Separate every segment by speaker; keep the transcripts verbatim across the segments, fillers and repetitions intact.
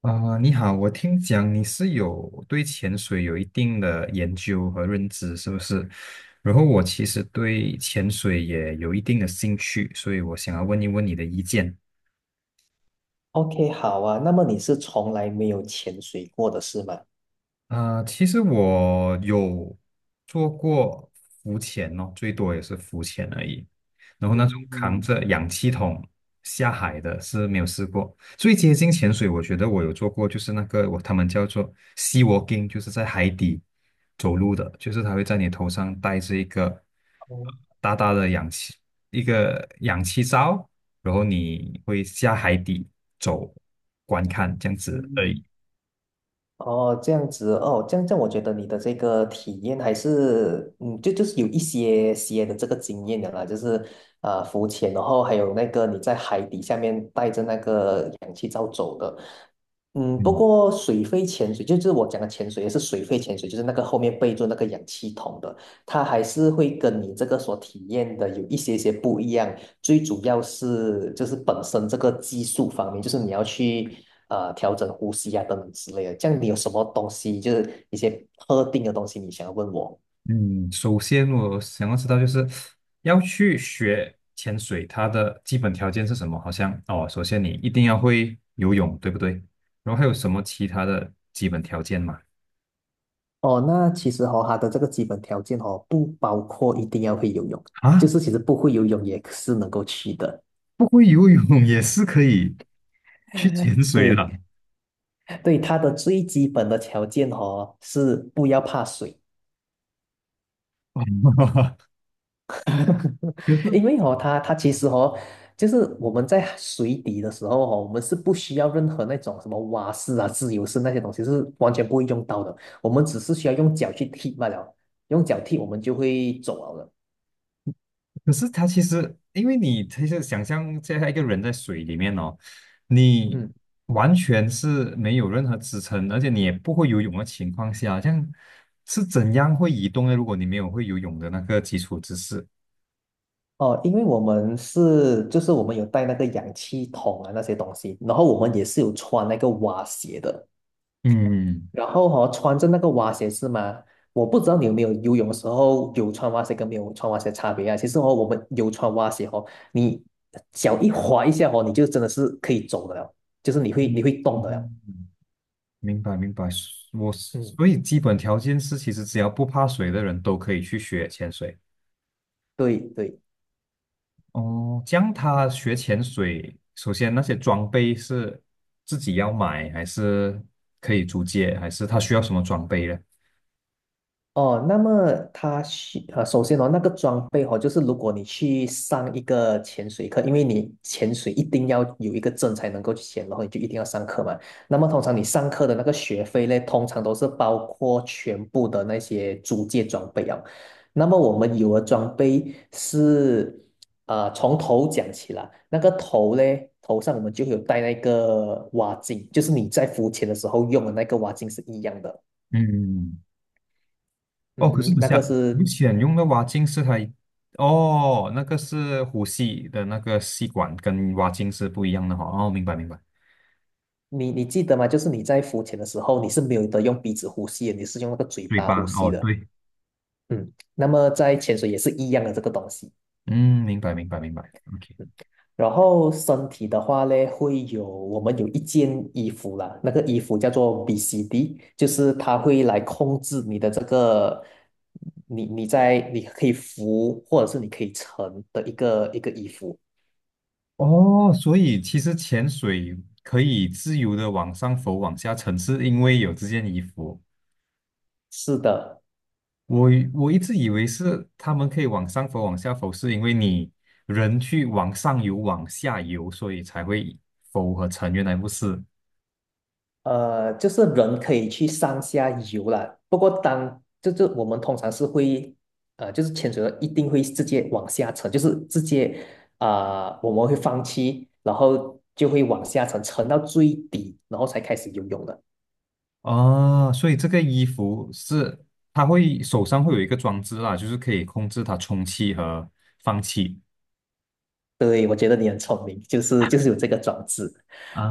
Speaker 1: 啊，你好，我听讲你是有对潜水有一定的研究和认知，是不是？然后我其实对潜水也有一定的兴趣，所以我想要问一问你的意见。
Speaker 2: OK，好啊。那么你是从来没有潜水过的是吗？
Speaker 1: 啊、其实我有做过浮潜哦，最多也是浮潜而已。然后那种扛
Speaker 2: 嗯，
Speaker 1: 着氧气筒下海的是没有试过。最接近潜水，我觉得我有做过，就是那个我他们叫做 sea walking，就是在海底走路的，就是他会在你头上戴着一个
Speaker 2: 哦，
Speaker 1: 大大的氧气一个氧气罩，然后你会下海底走观看这样子而已。
Speaker 2: 嗯，哦，这样子哦，这样这样，我觉得你的这个体验还是，嗯，就就是有一些些的这个经验的啦，就是啊、呃浮潜，然后还有那个你在海底下面带着那个氧气罩走的，嗯，不
Speaker 1: 嗯。
Speaker 2: 过水肺潜水，就是我讲的潜水，也是水肺潜水，就是那个后面背着那个氧气筒的，它还是会跟你这个所体验的有一些些不一样，最主要是就是本身这个技术方面，就是你要去呃调整呼吸啊等等之类的。这样你有什么东西，就是一些特定的东西，你想要问我？
Speaker 1: 嗯，首先我想要知道，就是要去学潜水，它的基本条件是什么？好像哦，首先你一定要会游泳，对不对？然后还有什么其他的基本条件吗？
Speaker 2: 哦，那其实哦，它的这个基本条件哦，不包括一定要会游泳，就
Speaker 1: 啊，
Speaker 2: 是其实不会游泳也是能够去的。
Speaker 1: 不会游泳也是可以去潜水啊！
Speaker 2: 对对，它的最基本的条件哦，是不要怕水。
Speaker 1: 可 是
Speaker 2: 因为哦，它它其实哦，就是我们在水底的时候哦，我们是不需要任何那种什么蛙式啊、自由式那些东西，是完全不会用到的。我们只是需要用脚去踢罢了，用脚踢我们就会走了的
Speaker 1: 可是他其实，因为你其实想象现在一个人在水里面哦，你
Speaker 2: 嗯，
Speaker 1: 完全是没有任何支撑，而且你也不会游泳的情况下，这样是怎样会移动呢？如果你没有会游泳的那个基础知识，
Speaker 2: 哦，因为我们是就是我们有带那个氧气筒啊那些东西，然后我们也是有穿那个蛙鞋的。
Speaker 1: 嗯
Speaker 2: 然后哈、穿着那个蛙鞋是吗？我不知道你有没有游泳的时候有穿蛙鞋跟没有穿蛙鞋的差别啊。其实哦，我们有穿蛙鞋哦，你脚一滑一下哦，你就真的是可以走的了，就是你会
Speaker 1: 嗯，
Speaker 2: 你会动的了。
Speaker 1: 嗯明白明白。我
Speaker 2: 嗯，
Speaker 1: 所以基本条件是，其实只要不怕水的人都可以去学潜水。
Speaker 2: 对对，
Speaker 1: 哦，这样他学潜水，首先那些装备是自己要买，还是可以租借，还是他需要什么装备呢？
Speaker 2: 哦，那么他需呃，首先哦，那个装备哦，就是如果你去上一个潜水课，因为你潜水一定要有一个证才能够去潜，然后你就一定要上课嘛。那么通常你上课的那个学费呢，通常都是包括全部的那些租借装备啊。那么我们有的装备是，呃，从头讲起来，那个头呢，头上我们就有戴那个蛙镜，就是你在浮潜的时候用的那个蛙镜是一样的。
Speaker 1: 嗯，哦，
Speaker 2: 嗯
Speaker 1: 可是
Speaker 2: 哼，
Speaker 1: 等
Speaker 2: 那
Speaker 1: 下，
Speaker 2: 个
Speaker 1: 浮
Speaker 2: 是
Speaker 1: 潜用的蛙镜是它一，哦，那个是呼吸的那个吸管，跟蛙镜是不一样的哈。哦，明白明白，
Speaker 2: 你你记得吗？就是你在浮潜的时候，你是没有得用鼻子呼吸的，你是用那个嘴
Speaker 1: 对
Speaker 2: 巴
Speaker 1: 吧？
Speaker 2: 呼吸
Speaker 1: 哦，
Speaker 2: 的。
Speaker 1: 对，
Speaker 2: 嗯，那么在潜水也是一样的这个东西。
Speaker 1: 嗯，明白明白明白。OK，
Speaker 2: 嗯，然后身体的话呢，会有我们有一件衣服啦，那个衣服叫做 B C D，就是它会来控制你的这个，你你在你可以浮或者是你可以沉的一个一个衣服。
Speaker 1: 哦，所以其实潜水可以自由的往上浮、往下沉，是因为有这件衣服。
Speaker 2: 是的，
Speaker 1: 我以我一直以为是他们可以往上浮、往下浮，是因为你人去往上游、往下游，所以才会浮和沉。原来不是
Speaker 2: 呃，就是人可以去上下游了，不过当就是我们通常是会，呃，就是潜水的一定会直接往下沉，就是直接啊、呃我们会放弃，然后就会往下沉，沉到最底，然后才开始游泳的。
Speaker 1: 啊，所以这个衣服是它会手上会有一个装置啦，就是可以控制它充气和放气
Speaker 2: 对，我觉得你很聪明，就是就是有这个装置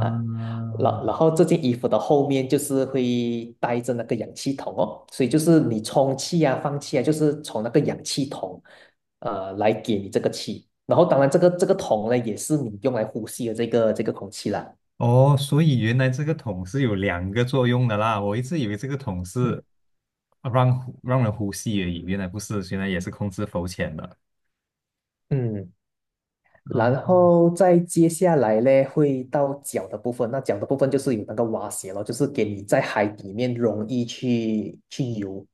Speaker 2: 啊。然然后这件衣服的后面就是会带着那个氧气筒哦，所以就是你充气啊、放气啊，就是从那个氧气筒呃来给你这个气。然后当然这个这个桶呢，也是你用来呼吸的这个这个空气啦。
Speaker 1: 哦。所以原来这个桶是有两个作用的啦，我一直以为这个桶是
Speaker 2: 嗯
Speaker 1: 让让人呼吸而已，原来不是，原来也是控制浮潜的。
Speaker 2: 嗯，然后再接下来呢，会到脚的部分。那脚的部分就是有那个蛙鞋咯，就是给你在海里面容易去去游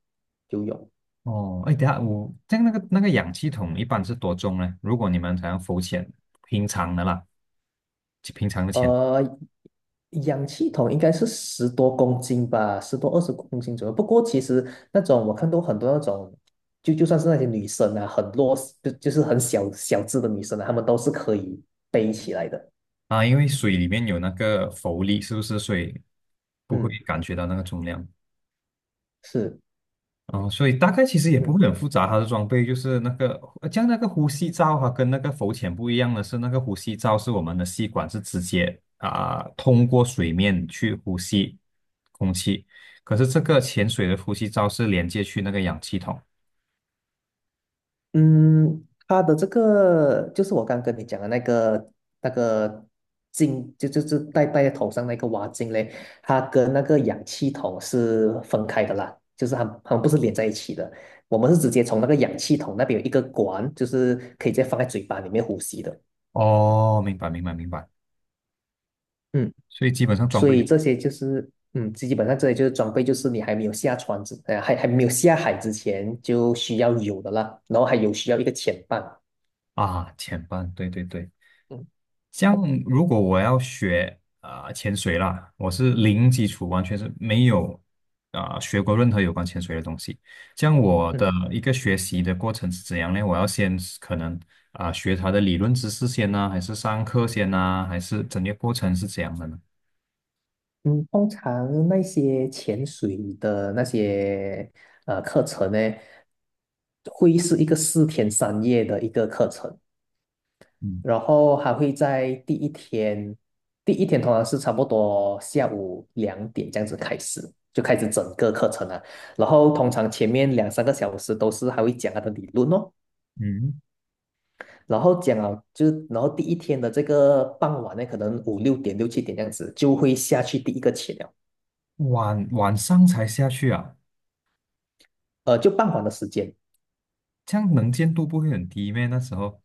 Speaker 2: 游泳。
Speaker 1: 哦，哎，等下我这样那个那个氧气筒一般是多重呢？如果你们想要浮潜，平常的啦，就平常的潜
Speaker 2: 呃，氧气筒应该是十多公斤吧，十多二十公斤左右。不过其实那种我看到很多那种，就就算是那些女生啊，很弱势，就就是很小小只的女生啊，她们都是可以背起来的。
Speaker 1: 啊，因为水里面有那个浮力，是不是？所以不会
Speaker 2: 嗯，
Speaker 1: 感觉到那个重量。
Speaker 2: 是，
Speaker 1: 哦，所以大概其实也不
Speaker 2: 嗯。
Speaker 1: 会很复杂，它的装备就是那个，呃像那个呼吸罩哈，跟那个浮潜不一样的是，那个呼吸罩是我们的吸管是直接啊、通过水面去呼吸空气，可是这个潜水的呼吸罩是连接去那个氧气筒。
Speaker 2: 嗯，它的这个就是我刚跟你讲的那个那个镜，就就是戴戴在头上那个蛙镜嘞，它跟那个氧气筒是分开的啦，就是它它们不是连在一起的。我们是直接从那个氧气筒那边有一个管，就是可以直接放在嘴巴里面呼吸的。
Speaker 1: 哦，明白，明白，明白。
Speaker 2: 嗯，
Speaker 1: 所以基本上装
Speaker 2: 所
Speaker 1: 备
Speaker 2: 以
Speaker 1: 就
Speaker 2: 这些就是嗯，基本上这些就是装备，就是你还没有下船之，呃，还还没有下海之前就需要有的啦，然后还有需要一个潜伴。
Speaker 1: 啊，前半，对对对。
Speaker 2: 嗯。
Speaker 1: 像如果我要学啊、潜水啦，我是零基础，完全是没有啊、学过任何有关潜水的东西。像我的
Speaker 2: 嗯
Speaker 1: 一个学习的过程是怎样呢？我要先是可能啊、学它的理论知识先呢、还是上课先呢、还是整个过程是怎样的呢？
Speaker 2: 嗯，通常那些潜水的那些呃课程呢，会是一个四天三夜的一个课程，
Speaker 1: 嗯
Speaker 2: 然后还会在第一天，第一天通常是差不多下午两点这样子开始，就开始整个课程了。然后通常前面两三个小时都是还会讲他的理论哦，
Speaker 1: 嗯，
Speaker 2: 然后讲了就是然后第一天的这个傍晚呢，可能五六点六七点这样子就会下去第一个潜了，
Speaker 1: 晚晚上才下去啊，
Speaker 2: 呃，就傍晚的时间。
Speaker 1: 这样能见度不会很低咩？那时候，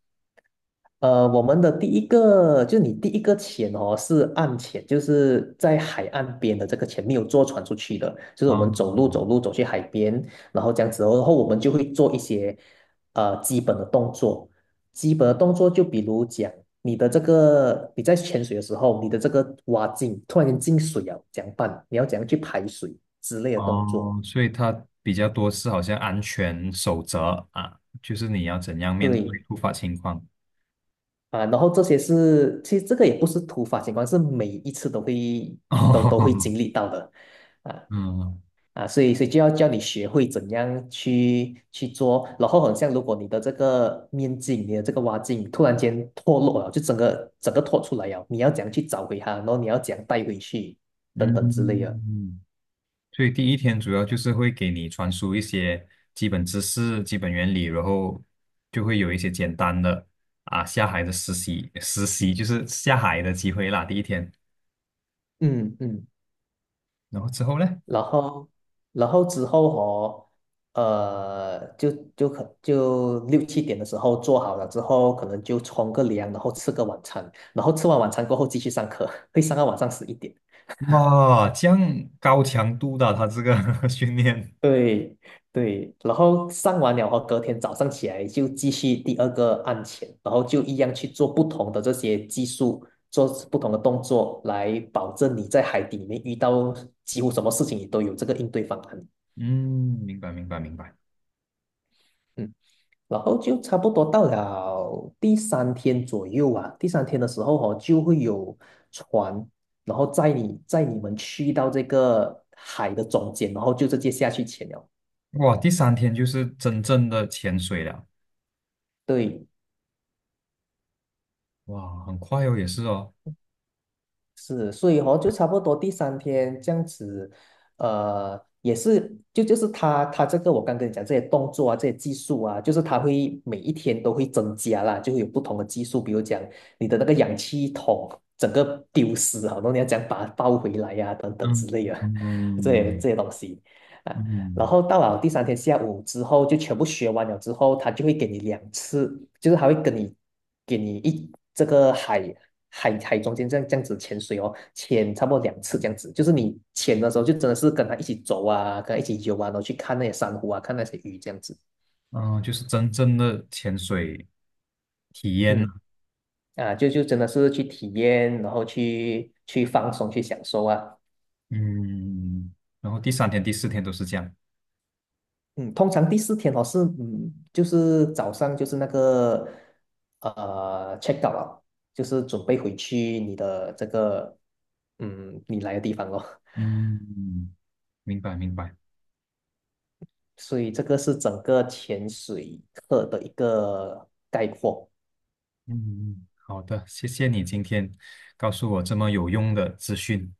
Speaker 2: 呃，我们的第一个，就是你第一个潜哦，是岸潜，就是在海岸边的这个潜，没有坐船出去的，就是我们走路走
Speaker 1: 嗯。
Speaker 2: 路走去海边，然后这样子哦，然后我们就会做一些呃基本的动作，基本的动作就比如讲你的这个你在潜水的时候，你的这个蛙镜突然间进水啊，怎样办？你要怎样去排水之类的动作？
Speaker 1: 哦，所以它比较多是好像安全守则啊，就是你要怎样面对
Speaker 2: 对，
Speaker 1: 突发情况。
Speaker 2: 啊，然后这些是，其实这个也不是突发情况，是每一次都会 都都会
Speaker 1: 哦，
Speaker 2: 经历到的，啊
Speaker 1: 嗯
Speaker 2: 啊，所以所以就要叫你学会怎样去去做，然后很像如果你的这个面镜，你的这个挖镜突然间脱落了，就整个整个脱出来了，你要怎样去找回它，然后你要怎样带回去，等等之类的。
Speaker 1: 嗯，所以第一天主要就是会给你传输一些基本知识、基本原理，然后就会有一些简单的啊下海的实习，实习就是下海的机会啦。第一天，
Speaker 2: 嗯嗯。
Speaker 1: 然后之后呢？
Speaker 2: 然后，然后之后哦，呃，就就可就六七点的时候做好了之后，可能就冲个凉，然后吃个晚餐，然后吃完晚餐过后继续上课，会上到晚上十一点。
Speaker 1: 哇，这样高强度的他这个 训练，
Speaker 2: 对对，然后上完了后，隔天早上起来就继续第二个案前，然后就一样去做不同的这些技术，做不同的动作，来保证你在海底里面遇到几乎什么事情，你都有这个应对方案。
Speaker 1: 嗯，明白明白明白。
Speaker 2: 嗯然后就差不多到了第三天左右啊，第三天的时候哦，就会有船，然后载你载你们去到这个海的中间，然后就直接下去潜了。
Speaker 1: 哇，第三天就是真正的潜水了，
Speaker 2: 对，
Speaker 1: 哇，很快哦，也是哦，
Speaker 2: 是，所以哦，就差不多第三天这样子，呃，也是就就是他他这个我刚跟你讲这些动作啊，这些技术啊，就是他会每一天都会增加啦，就会有不同的技术，比如讲你的那个氧气筒整个丢失啊，好多你要讲把它抱回来呀、等等之
Speaker 1: 嗯
Speaker 2: 类的 这些
Speaker 1: 嗯
Speaker 2: 这些东西。啊然
Speaker 1: 嗯，
Speaker 2: 后到了第三天下午之后，就全部学完了之后，他就会给你两次，就是他会跟你给你一这个海海海中间这样这样子潜水哦，潜差不多两次这样子，就是你潜的时候就真的是跟他一起走啊，跟他一起游啊，然后去看那些珊瑚啊，看那些鱼这样子，
Speaker 1: 嗯，就是真正的潜水体验
Speaker 2: 嗯
Speaker 1: 啊
Speaker 2: 啊，就就真的是去体验，然后去去放松，去享受啊。
Speaker 1: 嗯，然后第三天、第四天都是这样，
Speaker 2: 嗯，通常第四天哦是嗯，就是早上就是那个呃 check out 了，就是准备回去你的这个嗯你来的地方咯。
Speaker 1: 嗯，明白明白，
Speaker 2: 所以这个是整个潜水课的一个概括。
Speaker 1: 嗯，好的，谢谢你今天告诉我这么有用的资讯，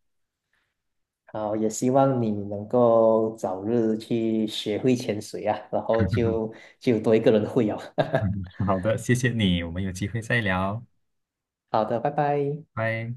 Speaker 2: 好，也希望你能够早日去学会潜水啊，然后 就就多一个人会啊。
Speaker 1: 嗯 好的，谢谢你，我们有机会再聊，
Speaker 2: 好的，拜拜。
Speaker 1: 拜。